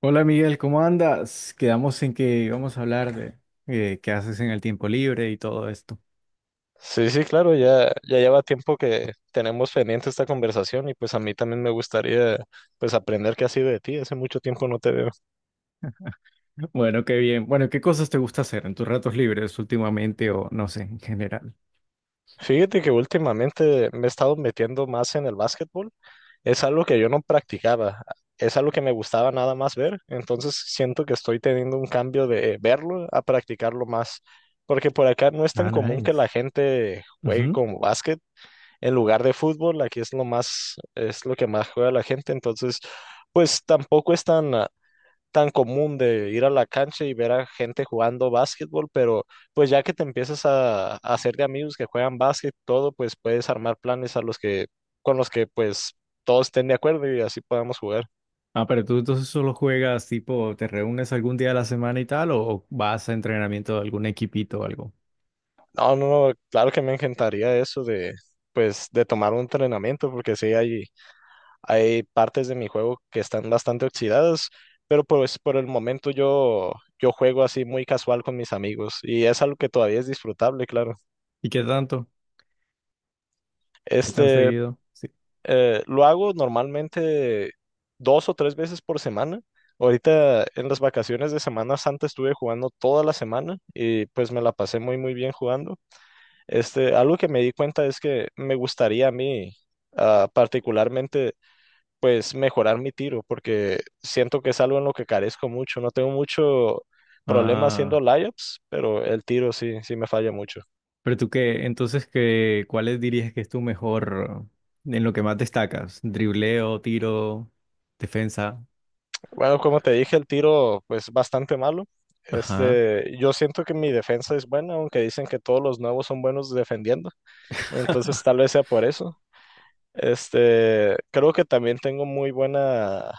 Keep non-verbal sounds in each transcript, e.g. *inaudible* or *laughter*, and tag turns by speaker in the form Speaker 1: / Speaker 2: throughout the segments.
Speaker 1: Hola Miguel, ¿cómo andas? Quedamos en que vamos a hablar de qué haces en el tiempo libre y todo esto.
Speaker 2: Sí, sí, claro, ya lleva tiempo que tenemos pendiente esta conversación y pues a mí también me gustaría pues aprender qué ha sido de ti, hace mucho tiempo no te veo.
Speaker 1: Bueno, qué bien. Bueno, ¿qué cosas te gusta hacer en tus ratos libres últimamente o no sé, en general?
Speaker 2: Fíjate que últimamente me he estado metiendo más en el básquetbol, es algo que yo no practicaba, es algo que me gustaba nada más ver, entonces siento que estoy teniendo un cambio de verlo a practicarlo más, porque por acá no es tan
Speaker 1: Ah,
Speaker 2: común que la
Speaker 1: nice.
Speaker 2: gente juegue
Speaker 1: Ujú.
Speaker 2: con básquet en lugar de fútbol, aquí es lo más, es lo que más juega la gente, entonces, pues tampoco es tan, tan común de ir a la cancha y ver a gente jugando básquetbol, pero pues ya que te empiezas a hacer de amigos que juegan básquet, todo, pues puedes armar planes a los que, con los que pues todos estén de acuerdo y así podamos jugar.
Speaker 1: Ah, pero tú entonces solo juegas, tipo, ¿te reúnes algún día de la semana y tal o vas a entrenamiento de algún equipito o algo?
Speaker 2: No, no, no, claro que me encantaría eso de, pues, de tomar un entrenamiento, porque sí hay partes de mi juego que están bastante oxidadas, pero pues por el momento yo juego así muy casual con mis amigos y es algo que todavía es disfrutable, claro.
Speaker 1: ¿Y qué tanto? ¿Qué tan
Speaker 2: Este,
Speaker 1: seguido? Sí.
Speaker 2: lo hago normalmente dos o tres veces por semana. Ahorita en las vacaciones de Semana Santa estuve jugando toda la semana y pues me la pasé muy muy bien jugando. Este, algo que me di cuenta es que me gustaría a mí particularmente pues mejorar mi tiro, porque siento que es algo en lo que carezco mucho. No tengo mucho problema haciendo layups, pero el tiro sí, sí me falla mucho.
Speaker 1: Pero tú qué, entonces qué, ¿cuáles dirías que es tu mejor, en lo que más destacas? Dribleo, tiro, defensa.
Speaker 2: Bueno, como te dije, el tiro pues bastante malo.
Speaker 1: Ajá.
Speaker 2: Este, yo siento que mi defensa es buena, aunque dicen que todos los nuevos son buenos defendiendo. Entonces
Speaker 1: *laughs*
Speaker 2: tal vez sea por eso. Este, creo que también tengo muy buena,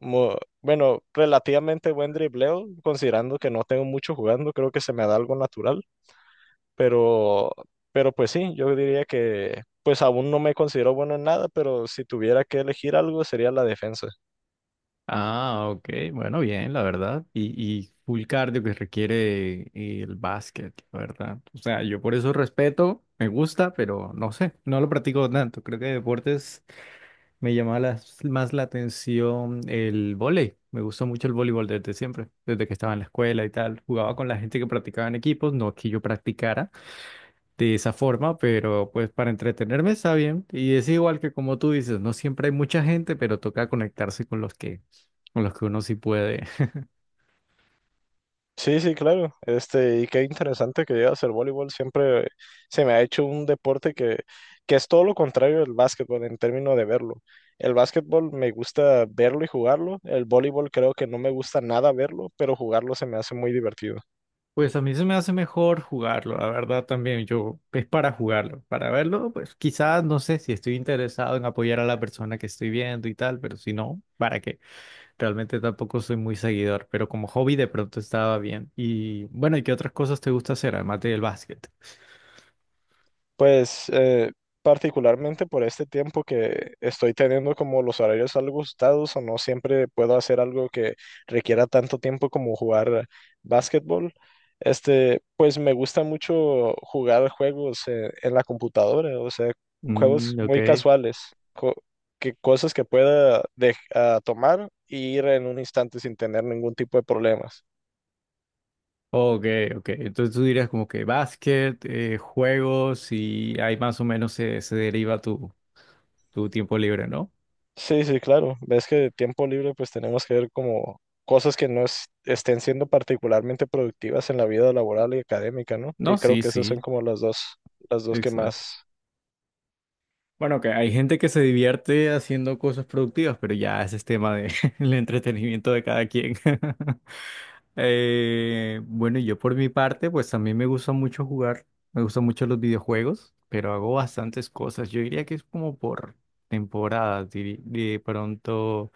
Speaker 2: bueno, relativamente buen dribleo, considerando que no tengo mucho jugando, creo que se me da algo natural. Pero, pero pues sí, yo diría que pues aún no me considero bueno en nada, pero si tuviera que elegir algo sería la defensa.
Speaker 1: Ah, ok. Bueno, bien, la verdad. Y full cardio que requiere el básquet, la verdad. O sea, yo por eso respeto, me gusta, pero no sé, no lo practico tanto. Creo que deportes Me llamaba más la atención el vóley. Me gustó mucho el voleibol desde siempre, desde que estaba en la escuela y tal. Jugaba con la gente que practicaba en equipos, no que yo practicara de esa forma, pero pues para entretenerme está bien. Y es igual que como tú dices, no siempre hay mucha gente, pero toca conectarse con los que uno sí puede. *laughs*
Speaker 2: Sí, sí, claro. Este, y qué interesante que llegas al voleibol. Siempre se me ha hecho un deporte que es todo lo contrario del básquetbol en términos de verlo. El básquetbol me gusta verlo y jugarlo. El voleibol creo que no me gusta nada verlo, pero jugarlo se me hace muy divertido.
Speaker 1: Pues a mí se me hace mejor jugarlo, la verdad también. Yo es para jugarlo, para verlo, pues quizás no sé si estoy interesado en apoyar a la persona que estoy viendo y tal, pero si no, ¿para qué? Realmente tampoco soy muy seguidor, pero como hobby de pronto estaba bien. Y bueno, ¿y qué otras cosas te gusta hacer además del básquet?
Speaker 2: Pues particularmente por este tiempo que estoy teniendo como los horarios algo ajustados o no siempre puedo hacer algo que requiera tanto tiempo como jugar básquetbol. Este, pues me gusta mucho jugar juegos en la computadora, o sea, juegos
Speaker 1: Mm, ok.
Speaker 2: muy casuales, co- que cosas que pueda tomar e ir en un instante sin tener ningún tipo de problemas.
Speaker 1: Ok, ok. Entonces tú dirías como que básquet, juegos y ahí más o menos se deriva tu tiempo libre, ¿no?
Speaker 2: Sí, sí, claro. Ves que de tiempo libre pues tenemos que ver como cosas que no es- estén siendo particularmente productivas en la vida laboral y académica, ¿no? Y
Speaker 1: No,
Speaker 2: creo
Speaker 1: sí,
Speaker 2: que esas son
Speaker 1: sí,
Speaker 2: como las dos que
Speaker 1: exacto.
Speaker 2: más...
Speaker 1: Bueno, que hay gente que se divierte haciendo cosas productivas, pero ya ese es tema de *laughs* el entretenimiento de cada quien. *laughs* Bueno, yo por mi parte, pues también me gusta mucho jugar, me gustan mucho los videojuegos, pero hago bastantes cosas. Yo diría que es como por temporadas. De pronto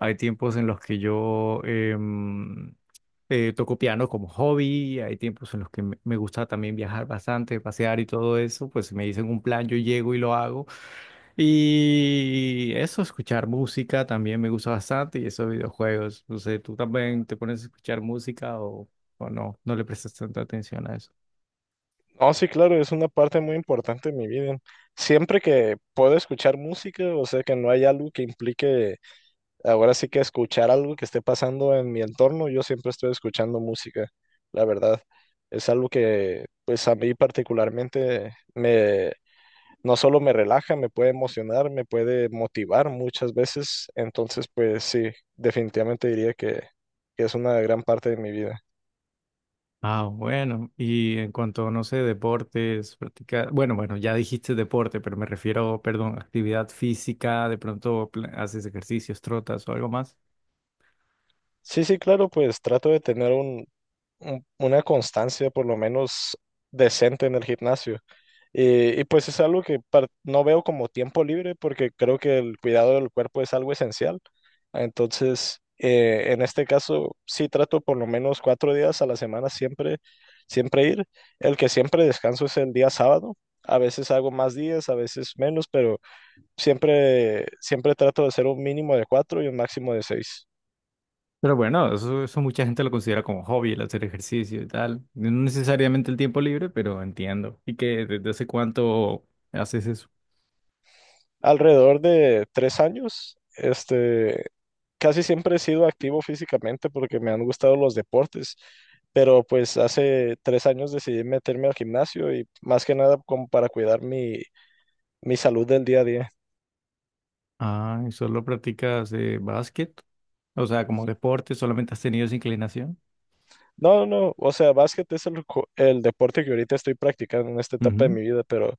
Speaker 1: hay tiempos en los que yo toco piano como hobby, hay tiempos en los que me gusta también viajar bastante, pasear y todo eso, pues si me dicen un plan, yo llego y lo hago. Y eso, escuchar música también me gusta bastante y esos videojuegos. No sé, ¿tú también te pones a escuchar música o no? No le prestas tanta atención a eso.
Speaker 2: Oh, sí, claro, es una parte muy importante de mi vida. Siempre que puedo escuchar música, o sea, que no hay algo que implique ahora sí que escuchar algo que esté pasando en mi entorno, yo siempre estoy escuchando música, la verdad. Es algo que pues a mí particularmente me no solo me relaja, me puede emocionar, me puede motivar muchas veces. Entonces, pues sí, definitivamente diría que es una gran parte de mi vida.
Speaker 1: Ah, bueno. Y en cuanto, no sé, deportes, practicar, bueno, bueno, ya dijiste deporte, pero me refiero, perdón, actividad física, de pronto haces ejercicios, trotas o algo más.
Speaker 2: Sí, sí, claro, pues trato de tener una constancia por lo menos decente en el gimnasio. Y pues es algo que no veo como tiempo libre porque creo que el cuidado del cuerpo es algo esencial. Entonces, en este caso, sí trato por lo menos cuatro días a la semana siempre, siempre ir. El que siempre descanso es el día sábado. A veces hago más días, a veces menos, pero siempre, siempre trato de hacer un mínimo de cuatro y un máximo de seis.
Speaker 1: Pero bueno, eso mucha gente lo considera como hobby, el hacer ejercicio y tal. No necesariamente el tiempo libre, pero entiendo. ¿Y que desde hace cuánto haces eso?
Speaker 2: Alrededor de tres años, este, casi siempre he sido activo físicamente porque me han gustado los deportes, pero pues hace tres años decidí meterme al gimnasio y más que nada como para cuidar mi, mi salud del día a día.
Speaker 1: Ah, ¿y solo practicas básquet? O sea, como deporte, solamente has tenido esa inclinación.
Speaker 2: No, no, o sea, básquet es el deporte que ahorita estoy practicando en esta etapa de
Speaker 1: Ujú.
Speaker 2: mi vida, pero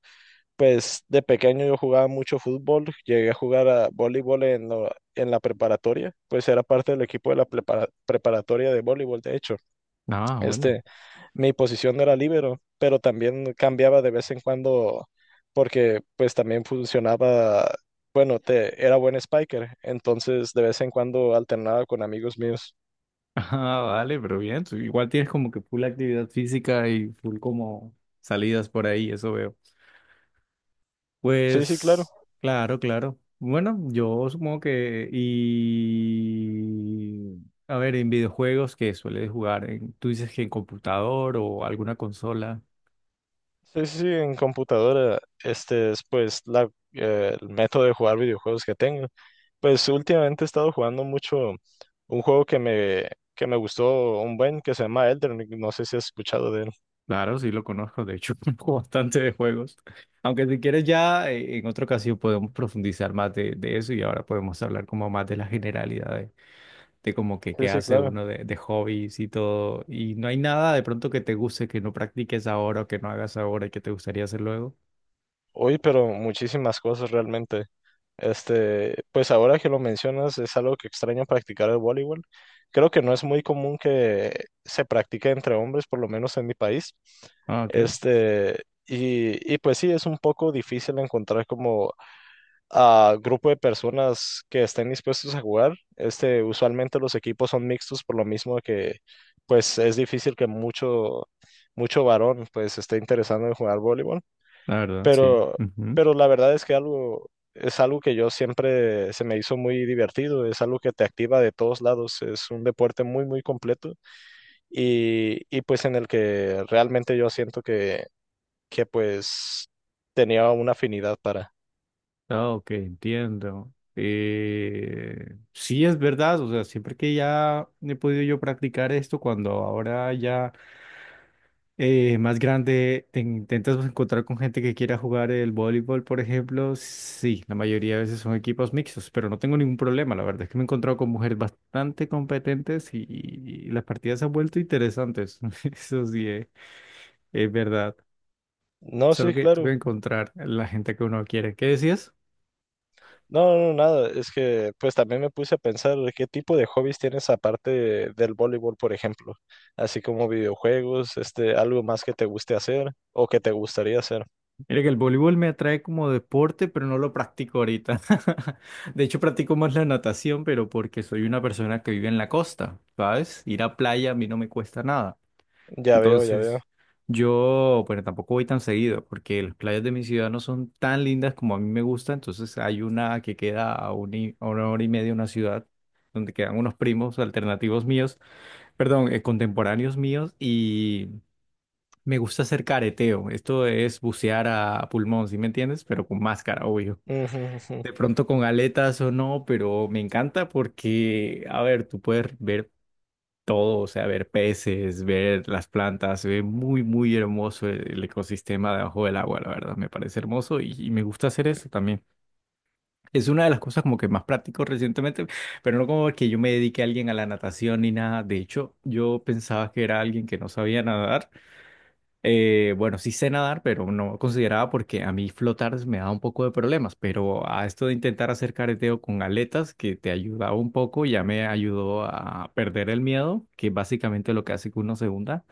Speaker 2: pues de pequeño yo jugaba mucho fútbol, llegué a jugar a voleibol en la preparatoria, pues era parte del equipo de la preparatoria de voleibol, de hecho.
Speaker 1: Ah, bueno.
Speaker 2: Este, mi posición no era líbero, pero también cambiaba de vez en cuando porque pues también funcionaba, bueno, era buen spiker, entonces de vez en cuando alternaba con amigos míos.
Speaker 1: *laughs* Ah, vale, pero bien. Tú igual tienes como que full actividad física y full como salidas por ahí, eso veo.
Speaker 2: Sí, sí, claro.
Speaker 1: Pues, claro, claro. Bueno, yo supongo que. Y. A ver, en videojuegos que sueles jugar, tú dices que en computador o alguna consola.
Speaker 2: Sí, sí, sí, en computadora, este es pues el método de jugar videojuegos que tengo. Pues últimamente he estado jugando mucho un juego que me gustó un buen, que se llama Elden Ring, no sé si has escuchado de él.
Speaker 1: Claro, sí lo conozco, de hecho, *laughs* conozco bastante de juegos. Aunque si quieres ya en otra ocasión podemos profundizar más de eso y ahora podemos hablar como más de la generalidad de como que qué
Speaker 2: Sí, sí,
Speaker 1: hace
Speaker 2: claro.
Speaker 1: uno de hobbies y todo. Y no hay nada de pronto que te guste, que no practiques ahora o que no hagas ahora y que te gustaría hacer luego.
Speaker 2: Hoy, pero muchísimas cosas realmente. Este, pues ahora que lo mencionas, es algo que extraño practicar el voleibol. Creo que no es muy común que se practique entre hombres, por lo menos en mi país.
Speaker 1: Ah, ok,
Speaker 2: Este, y pues sí, es un poco difícil encontrar como a grupo de personas que estén dispuestos a jugar. Este, usualmente los equipos son mixtos por lo mismo que pues es difícil que mucho, mucho varón pues esté interesado en jugar voleibol.
Speaker 1: la verdad, sí.
Speaker 2: Pero,
Speaker 1: Ujú.
Speaker 2: pero la verdad es que algo, es algo que yo siempre se me hizo muy divertido, es algo que te activa de todos lados, es un deporte muy, muy completo y pues en el que realmente yo siento que pues tenía una afinidad para.
Speaker 1: Ah, ok, entiendo. Sí, es verdad, o sea, siempre que ya he podido yo practicar esto, cuando ahora ya, más grande, te intentas encontrar con gente que quiera jugar el voleibol, por ejemplo. Sí, la mayoría de veces son equipos mixtos, pero no tengo ningún problema. La verdad es que me he encontrado con mujeres bastante competentes y las partidas se han vuelto interesantes. *laughs* Eso sí, es verdad.
Speaker 2: No, sí,
Speaker 1: Solo que tengo
Speaker 2: claro.
Speaker 1: que encontrar la gente que uno quiere. ¿Qué decías?
Speaker 2: No, no, nada, es que pues también me puse a pensar qué tipo de hobbies tienes aparte del voleibol, por ejemplo, así como videojuegos, este, algo más que te guste hacer o que te gustaría hacer.
Speaker 1: Mira que el voleibol me atrae como deporte, pero no lo practico ahorita. *laughs* De hecho, practico más la natación, pero porque soy una persona que vive en la costa, ¿sabes? Ir a playa a mí no me cuesta nada.
Speaker 2: Ya veo, ya veo.
Speaker 1: Entonces, yo, bueno, tampoco voy tan seguido porque las playas de mi ciudad no son tan lindas como a mí me gusta. Entonces, hay una que queda a una hora y media de una ciudad donde quedan unos primos alternativos míos, perdón, contemporáneos míos y me gusta hacer careteo. Esto es bucear a pulmón, ¿sí me entiendes? Pero con máscara, obvio.
Speaker 2: Ujú, ujú.
Speaker 1: De pronto con aletas o no, pero me encanta porque, a ver, tú puedes ver todo, o sea, ver peces, ver las plantas, se ve muy, muy hermoso el ecosistema debajo del agua, la verdad, me parece hermoso y me gusta hacer eso también. Es una de las cosas como que más practico recientemente, pero no como que yo me dedique a alguien a la natación ni nada. De hecho, yo pensaba que era alguien que no sabía nadar, bueno, sí sé nadar, pero no consideraba porque a mí flotar me da un poco de problemas, pero a esto de intentar hacer careteo con aletas, que te ayudaba un poco, ya me ayudó a perder el miedo, que es básicamente lo que hace que uno se hunda,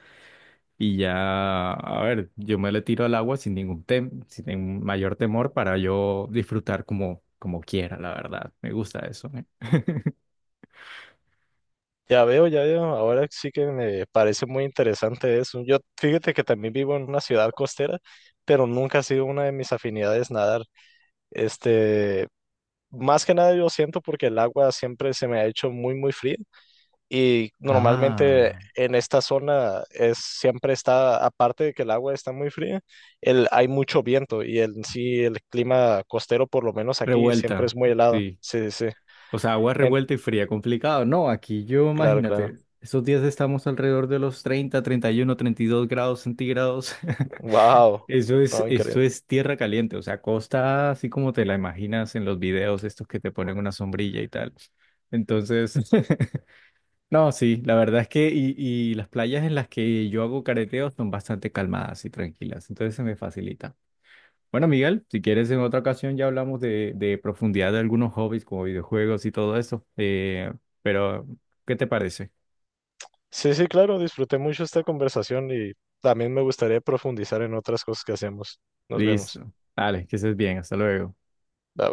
Speaker 1: y ya, a ver, yo me le tiro al agua sin ningún mayor temor para yo disfrutar como quiera, la verdad, me gusta eso, ¿eh?
Speaker 2: Ya veo, ya veo. Ahora sí que me parece muy interesante eso. Yo, fíjate que también vivo en una ciudad costera, pero nunca ha sido una de mis afinidades nadar. Este, más que nada yo siento porque el agua siempre se me ha hecho muy, muy fría y normalmente
Speaker 1: Ah,
Speaker 2: en esta zona es siempre está, aparte de que el agua está muy fría, hay mucho viento y el clima costero, por lo menos aquí, siempre
Speaker 1: revuelta,
Speaker 2: es muy helado.
Speaker 1: sí.
Speaker 2: Sí, sí. Sí.
Speaker 1: O sea, agua
Speaker 2: En-
Speaker 1: revuelta y fría, complicado. No, aquí yo,
Speaker 2: claro, claro.
Speaker 1: imagínate, esos días estamos alrededor de los 30 31 32 grados centígrados. *laughs*
Speaker 2: Wow. No, increíble.
Speaker 1: Esto es tierra caliente, o sea, costa así como te la imaginas en los videos estos que te ponen una sombrilla y tal. Entonces, *laughs* no, sí, la verdad es que y las playas en las que yo hago careteo son bastante calmadas y tranquilas, entonces se me facilita. Bueno, Miguel, si quieres en otra ocasión ya hablamos de profundidad de algunos hobbies como videojuegos y todo eso. Pero, ¿qué te parece?
Speaker 2: Sí, sí, claro, disfruté mucho esta conversación y también me gustaría profundizar en otras cosas que hacemos. Nos vemos.
Speaker 1: Listo. Dale, que estés bien. Hasta luego.
Speaker 2: Bye.